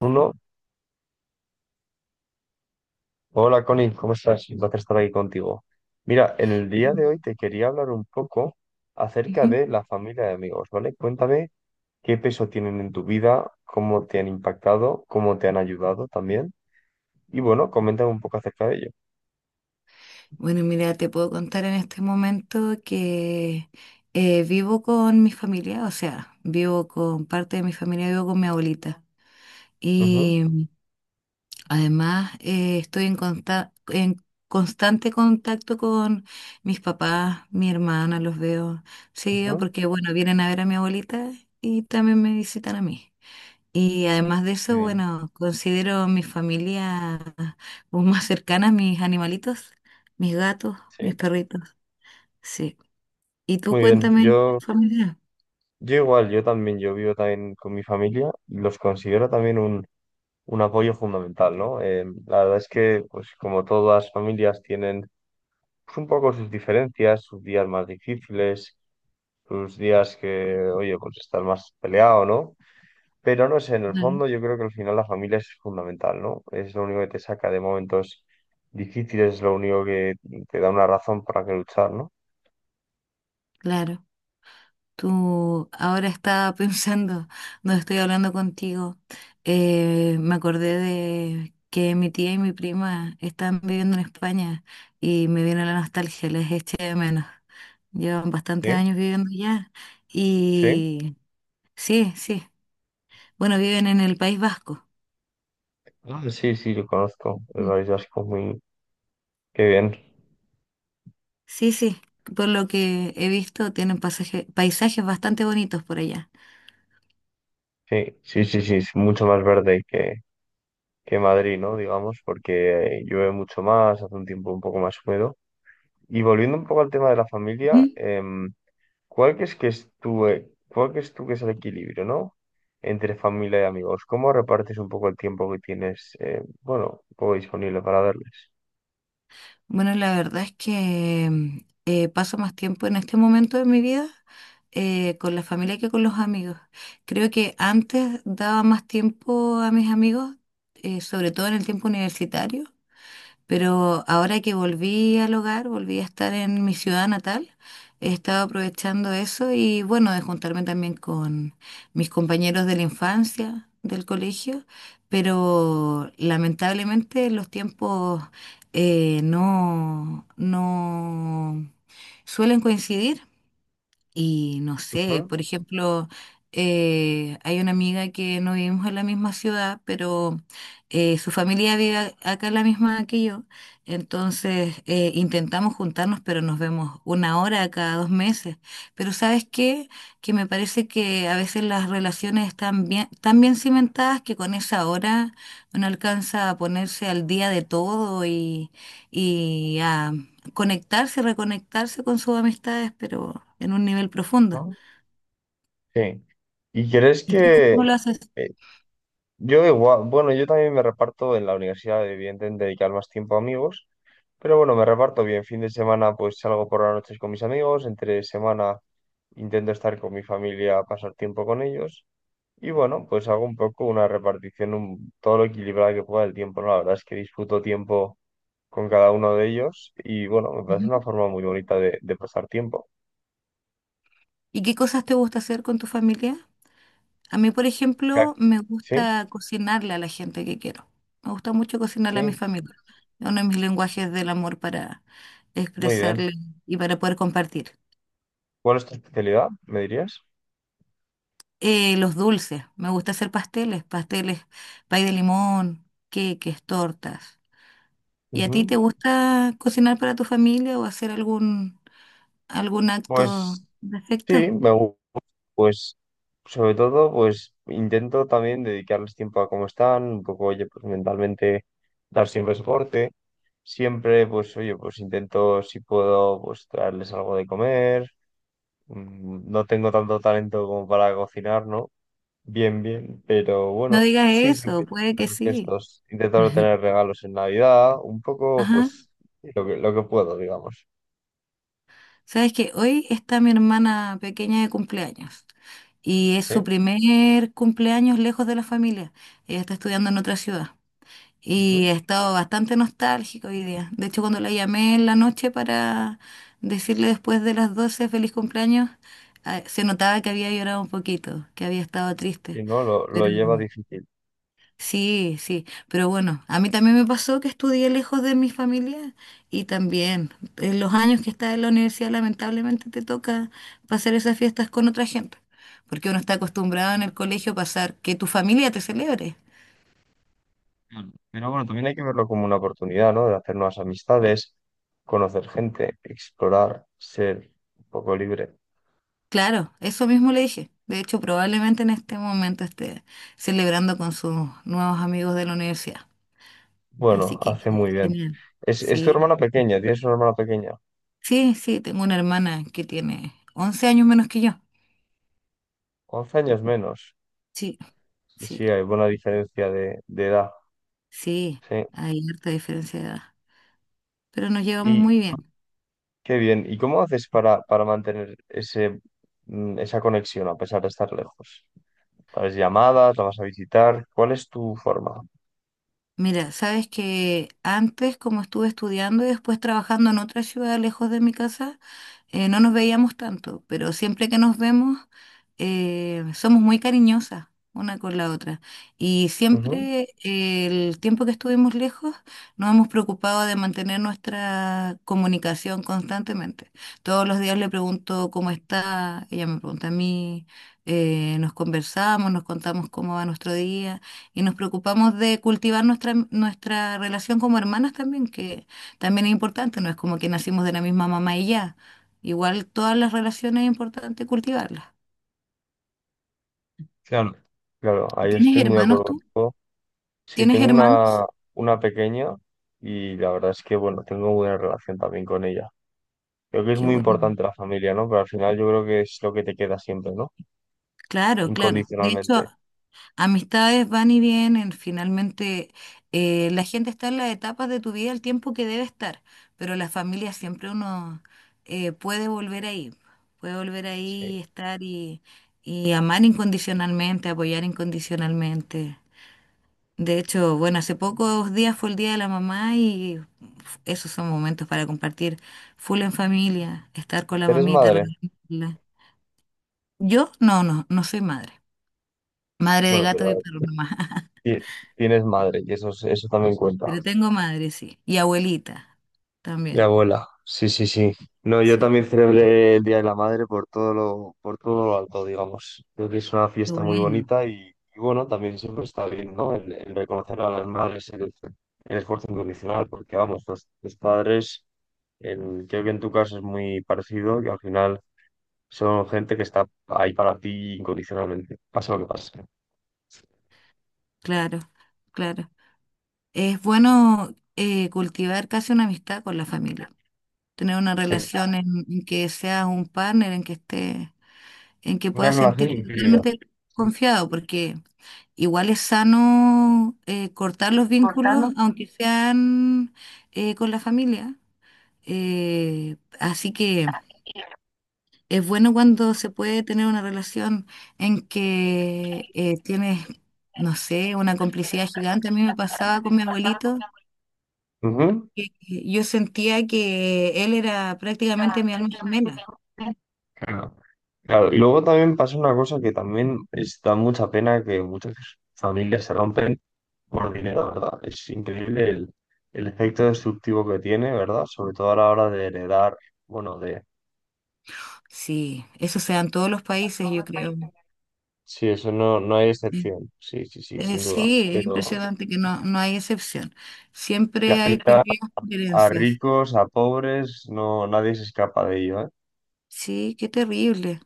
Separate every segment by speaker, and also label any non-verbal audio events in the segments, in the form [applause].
Speaker 1: Uno, hola Connie, ¿cómo estás? Un placer estar aquí contigo. Mira, en el día de hoy te quería hablar un poco acerca
Speaker 2: Ujú.
Speaker 1: de la familia de amigos, ¿vale? Cuéntame qué peso tienen en tu vida, cómo te han impactado, cómo te han ayudado también. Y bueno, coméntame un poco acerca de ello.
Speaker 2: Bueno, mira, te puedo contar en este momento que vivo con mi familia, o sea, vivo con parte de mi familia, vivo con mi abuelita.
Speaker 1: Ujú,
Speaker 2: Y además estoy en constante contacto con mis papás, mi hermana, los veo seguido
Speaker 1: ujú.
Speaker 2: porque, bueno, vienen a ver a mi abuelita y también me visitan a mí. Y además de eso,
Speaker 1: Bien.
Speaker 2: bueno, considero mi familia como más cercana, mis animalitos, mis gatos, mis
Speaker 1: Sí,
Speaker 2: perritos, sí. Y tú
Speaker 1: muy bien.
Speaker 2: cuéntame,
Speaker 1: Yo,
Speaker 2: familia.
Speaker 1: yo igual, yo también, yo vivo también con mi familia y los considero también un apoyo fundamental, ¿no? La verdad es que, pues como todas las familias tienen pues, un poco sus diferencias, sus días más difíciles, sus días que, oye, pues estás más peleado, ¿no? Pero no sé, en el
Speaker 2: Claro.
Speaker 1: fondo yo creo que al final la familia es fundamental, ¿no? Es lo único que te saca de momentos difíciles, es lo único que te da una razón para que luchar, ¿no?
Speaker 2: Claro, tú ahora estaba [laughs] pensando, no estoy hablando contigo, me acordé de que mi tía y mi prima están viviendo en España y me vino la nostalgia, les eché de menos. Llevan bastantes
Speaker 1: Sí,
Speaker 2: años viviendo allá
Speaker 1: sí.
Speaker 2: y sí, sí. Bueno, viven en el País Vasco.
Speaker 1: Ah, sí, sí, lo conozco. El
Speaker 2: Mm.
Speaker 1: País Vasco, muy... Qué bien.
Speaker 2: Sí, sí. Por lo que he visto, tienen paisajes bastante bonitos por allá.
Speaker 1: Sí, sí, sí, sí, es mucho más verde que Madrid, ¿no? Digamos, porque llueve mucho más, hace un tiempo un poco más húmedo. Y volviendo un poco al tema de la familia,
Speaker 2: Ujú.
Speaker 1: ¿cuál crees que es tu, cuál crees tú que es el equilibrio, ¿no? Entre familia y amigos. ¿Cómo repartes un poco el tiempo que tienes, bueno, un poco disponible para darles?
Speaker 2: Bueno, la verdad es que paso más tiempo en este momento de mi vida con la familia que con los amigos. Creo que antes daba más tiempo a mis amigos, sobre todo en el tiempo universitario. Pero ahora que volví al hogar, volví a estar en mi ciudad natal, he estado aprovechando eso y bueno, de juntarme también con mis compañeros de la infancia, del colegio, pero lamentablemente los tiempos no, no suelen coincidir. Y no sé,
Speaker 1: Ujú,
Speaker 2: por ejemplo, hay una amiga que no vivimos en la misma ciudad, pero su familia vive acá en la misma que yo. Entonces intentamos juntarnos, pero nos vemos una hora cada 2 meses. Pero ¿sabes qué? Que me parece que a veces las relaciones están bien, tan bien cimentadas que con esa hora uno alcanza a ponerse al día de todo y a conectarse, reconectarse con sus amistades, pero en un nivel profundo.
Speaker 1: ¿no? Sí. ¿Y crees
Speaker 2: ¿Y tú
Speaker 1: que
Speaker 2: cómo lo haces?
Speaker 1: eh, yo igual, bueno, yo también me reparto en la universidad, evidentemente, dedicar más tiempo a amigos, pero bueno, me reparto bien. Fin de semana, pues salgo por las noches con mis amigos, entre semana intento estar con mi familia, pasar tiempo con ellos. Y bueno, pues hago un poco una repartición un- todo lo equilibrada que pueda del tiempo, ¿no? La verdad es que disfruto tiempo con cada uno de ellos y bueno, me parece
Speaker 2: Ujú.
Speaker 1: una forma muy bonita de pasar tiempo.
Speaker 2: ¿Y qué cosas te gusta hacer con tu familia? A mí, por
Speaker 1: Ya-
Speaker 2: ejemplo, me
Speaker 1: Sí,
Speaker 2: gusta cocinarle a la gente que quiero. Me gusta mucho
Speaker 1: sí,
Speaker 2: cocinarle a mi familia. Es uno de mis lenguajes del amor para
Speaker 1: muy bien.
Speaker 2: expresarle y para poder compartir.
Speaker 1: ¿Cuál es tu especialidad, me dirías?
Speaker 2: Los dulces, me gusta hacer pasteles, pasteles, pay de limón, queques, tortas. ¿Y a ti
Speaker 1: Ujú.
Speaker 2: te gusta cocinar para tu familia o hacer algún acto
Speaker 1: Pues
Speaker 2: de
Speaker 1: sí,
Speaker 2: afecto.
Speaker 1: pues sobre todo pues intento también dedicarles tiempo a cómo están, un poco, oye, pues mentalmente dar siempre soporte. Siempre, pues, oye, pues intento, si puedo, pues traerles algo de comer. Mm, no tengo tanto talento como para cocinar, ¿no? Bien, bien, pero
Speaker 2: No
Speaker 1: bueno,
Speaker 2: digas
Speaker 1: sí,
Speaker 2: eso,
Speaker 1: siempre
Speaker 2: puede que
Speaker 1: los
Speaker 2: sí.
Speaker 1: gestos, intento no
Speaker 2: [laughs]
Speaker 1: tener regalos en Navidad, un poco,
Speaker 2: Ajá.
Speaker 1: pues, lo que puedo, digamos,
Speaker 2: Sabes que hoy está mi hermana pequeña de cumpleaños y es su
Speaker 1: ¿sí?
Speaker 2: primer cumpleaños lejos de la familia. Ella está estudiando en otra ciudad y
Speaker 1: Ujú.
Speaker 2: he estado bastante nostálgico hoy día. De hecho, cuando la llamé en la noche para decirle después de las 12 feliz cumpleaños, ah, se notaba que había llorado un poquito, que había estado triste.
Speaker 1: Y no, lo
Speaker 2: Pero
Speaker 1: lleva difícil.
Speaker 2: sí, sí, pero bueno, a mí también me pasó que estudié lejos de mi familia y también en los años que estás en la universidad lamentablemente te toca pasar esas fiestas con otra gente, porque uno está acostumbrado en el colegio a pasar que tu familia te celebre.
Speaker 1: Claro. Pero bueno, también hay que verlo como una oportunidad, ¿no? De hacer nuevas amistades, conocer gente, explorar, ser un poco libre.
Speaker 2: Claro, eso mismo le dije. De hecho, probablemente en este momento esté celebrando con sus nuevos amigos de la universidad.
Speaker 1: Bueno,
Speaker 2: Así que
Speaker 1: hace muy bien.
Speaker 2: genial.
Speaker 1: Es tu
Speaker 2: Sí,
Speaker 1: hermana pequeña, tienes una hermana pequeña,
Speaker 2: sí, sí, tengo una hermana que tiene 11 años menos que yo.
Speaker 1: 11 años menos.
Speaker 2: Sí,
Speaker 1: Sí,
Speaker 2: sí.
Speaker 1: sí, hay buena diferencia de edad.
Speaker 2: Sí,
Speaker 1: Sí.
Speaker 2: hay harta diferencia de edad, pero nos llevamos
Speaker 1: Y
Speaker 2: muy bien.
Speaker 1: qué bien. ¿Y cómo haces para mantener ese, esa conexión a pesar de estar lejos? ¿Haces llamadas? ¿La vas a visitar? ¿Cuál es tu forma?
Speaker 2: Mira, sabes que antes, como estuve estudiando y después trabajando en otra ciudad lejos de mi casa, no nos veíamos tanto, pero siempre que nos vemos, somos muy cariñosas una con la otra. Y
Speaker 1: Ujú.
Speaker 2: siempre el tiempo que estuvimos lejos, nos hemos preocupado de mantener nuestra comunicación constantemente. Todos los días le pregunto cómo está, ella me pregunta a mí, nos conversamos, nos contamos cómo va nuestro día. Y nos preocupamos de cultivar nuestra relación como hermanas también, que también es importante, no es como que nacimos de la misma mamá y ya. Igual todas las relaciones es importante cultivarlas.
Speaker 1: Claro. Claro, ahí
Speaker 2: ¿Tienes
Speaker 1: estoy muy de
Speaker 2: hermanos
Speaker 1: acuerdo
Speaker 2: tú?
Speaker 1: contigo. Sí,
Speaker 2: ¿Tienes
Speaker 1: tengo
Speaker 2: hermanos?
Speaker 1: una pequeña y la verdad es que, bueno, tengo buena relación también con ella. Creo que es
Speaker 2: Qué
Speaker 1: muy
Speaker 2: bueno.
Speaker 1: importante la familia, ¿no? Pero al final yo creo que es lo que te queda siempre, ¿no?
Speaker 2: Claro, claro. De hecho,
Speaker 1: Incondicionalmente.
Speaker 2: amistades van y vienen, finalmente la gente está en las etapas de tu vida el tiempo que debe estar, pero la familia siempre uno eh, puede volver ahí, puede volver ahí
Speaker 1: Sí.
Speaker 2: y estar y amar incondicionalmente, apoyar incondicionalmente. De hecho, bueno, hace pocos días fue el Día de la Mamá y esos son momentos para compartir full en familia, estar con la
Speaker 1: ¿Eres
Speaker 2: mamita,
Speaker 1: madre?
Speaker 2: regalarla. Yo no, no, no soy madre, madre de
Speaker 1: Bueno,
Speaker 2: gatos y
Speaker 1: pero
Speaker 2: perros nomás. [laughs]
Speaker 1: Ti- Tienes madre, y eso, es- eso también cuenta.
Speaker 2: Pero tengo madre, sí. Y abuelita
Speaker 1: Y
Speaker 2: también,
Speaker 1: abuela, sí, sí, sí. No, yo
Speaker 2: sí.
Speaker 1: también celebré el Día de la Madre por todo lo alto, digamos. Creo que es una
Speaker 2: Qué
Speaker 1: fiesta muy
Speaker 2: bueno,
Speaker 1: bonita y bueno, también siempre está bien, ¿no? El reconocer a las madres el esfuerzo incondicional, porque vamos, los padres, en- creo que en tu caso es muy parecido, que al final son gente que está ahí para ti incondicionalmente, pase lo que pase.
Speaker 2: claro, claro. Es bueno cultivar casi una amistad con la familia, tener una
Speaker 1: Sí.
Speaker 2: relación en que seas un partner, en que esté, en que
Speaker 1: Una
Speaker 2: puedas
Speaker 1: relación
Speaker 2: sentirte
Speaker 1: increíble.
Speaker 2: totalmente confiado, porque igual es sano cortar los vínculos, aunque sean con la familia. Así que es bueno cuando se puede tener una relación en que tienes, no sé, una complicidad gigante. A mí me pasaba con mi abuelito y yo sentía que él era prácticamente mi alma gemela.
Speaker 1: Claro. Claro, y luego también pasa una cosa que también es- da mucha pena que muchas familias se rompen por dinero, ¿verdad? Es increíble el efecto destructivo que tiene, ¿verdad? Sobre todo a la hora de heredar, bueno, de...
Speaker 2: Sí, eso se da en todos los países, yo creo.
Speaker 1: Sí, eso no, no hay
Speaker 2: Mm.
Speaker 1: excepción, sí, sí, sí, sin duda.
Speaker 2: Sí, es
Speaker 1: Pero
Speaker 2: impresionante que no, no hay excepción.
Speaker 1: que
Speaker 2: Siempre hay
Speaker 1: afecta
Speaker 2: peleas,
Speaker 1: a
Speaker 2: diferencias.
Speaker 1: ricos, a pobres, no, nadie se escapa de ello, ¿eh?
Speaker 2: Sí, qué terrible.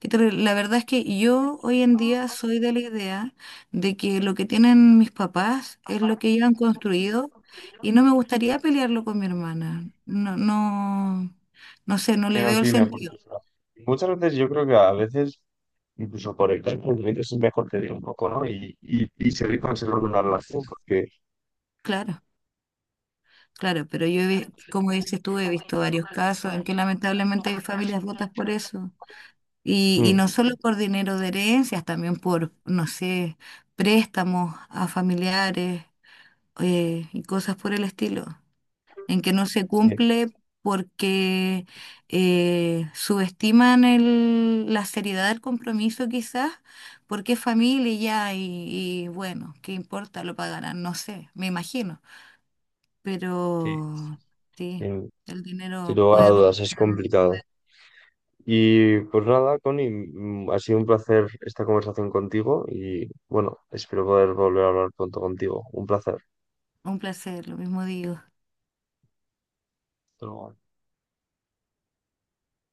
Speaker 2: Pero la verdad es que yo hoy en día soy de la idea de que lo que tienen mis papás es lo que ellos han construido y no me gustaría pelearlo con mi hermana. No, no, no sé, no
Speaker 1: Que
Speaker 2: le
Speaker 1: no
Speaker 2: veo el
Speaker 1: tiene
Speaker 2: sentido.
Speaker 1: oportunidad. Muchas veces yo creo que a veces, incluso por el tiempo, es mejor te diga un poco, ¿no? Y seguir conservando una relación, porque
Speaker 2: Claro, claro, pero yo, como dices tú, he visto varios casos en que lamentablemente hay familias rotas por eso. Y no
Speaker 1: mm,
Speaker 2: solo por dinero de herencias, también por, no sé, préstamos a familiares y cosas por el estilo. En que no se
Speaker 1: sí,
Speaker 2: cumple porque subestiman la seriedad del compromiso quizás, porque es familia y ya, y bueno, ¿qué importa? Lo pagarán, no sé, me imagino.
Speaker 1: sí, sí.
Speaker 2: Pero sí,
Speaker 1: Sin,
Speaker 2: el
Speaker 1: sin
Speaker 2: dinero
Speaker 1: lugar a
Speaker 2: puede
Speaker 1: dudas
Speaker 2: romper
Speaker 1: es complicado. Y pues nada, Connie, ha sido un placer esta conversación contigo y bueno, espero poder volver a hablar pronto contigo. Un placer.
Speaker 2: un placer, lo mismo digo.
Speaker 1: Hasta luego.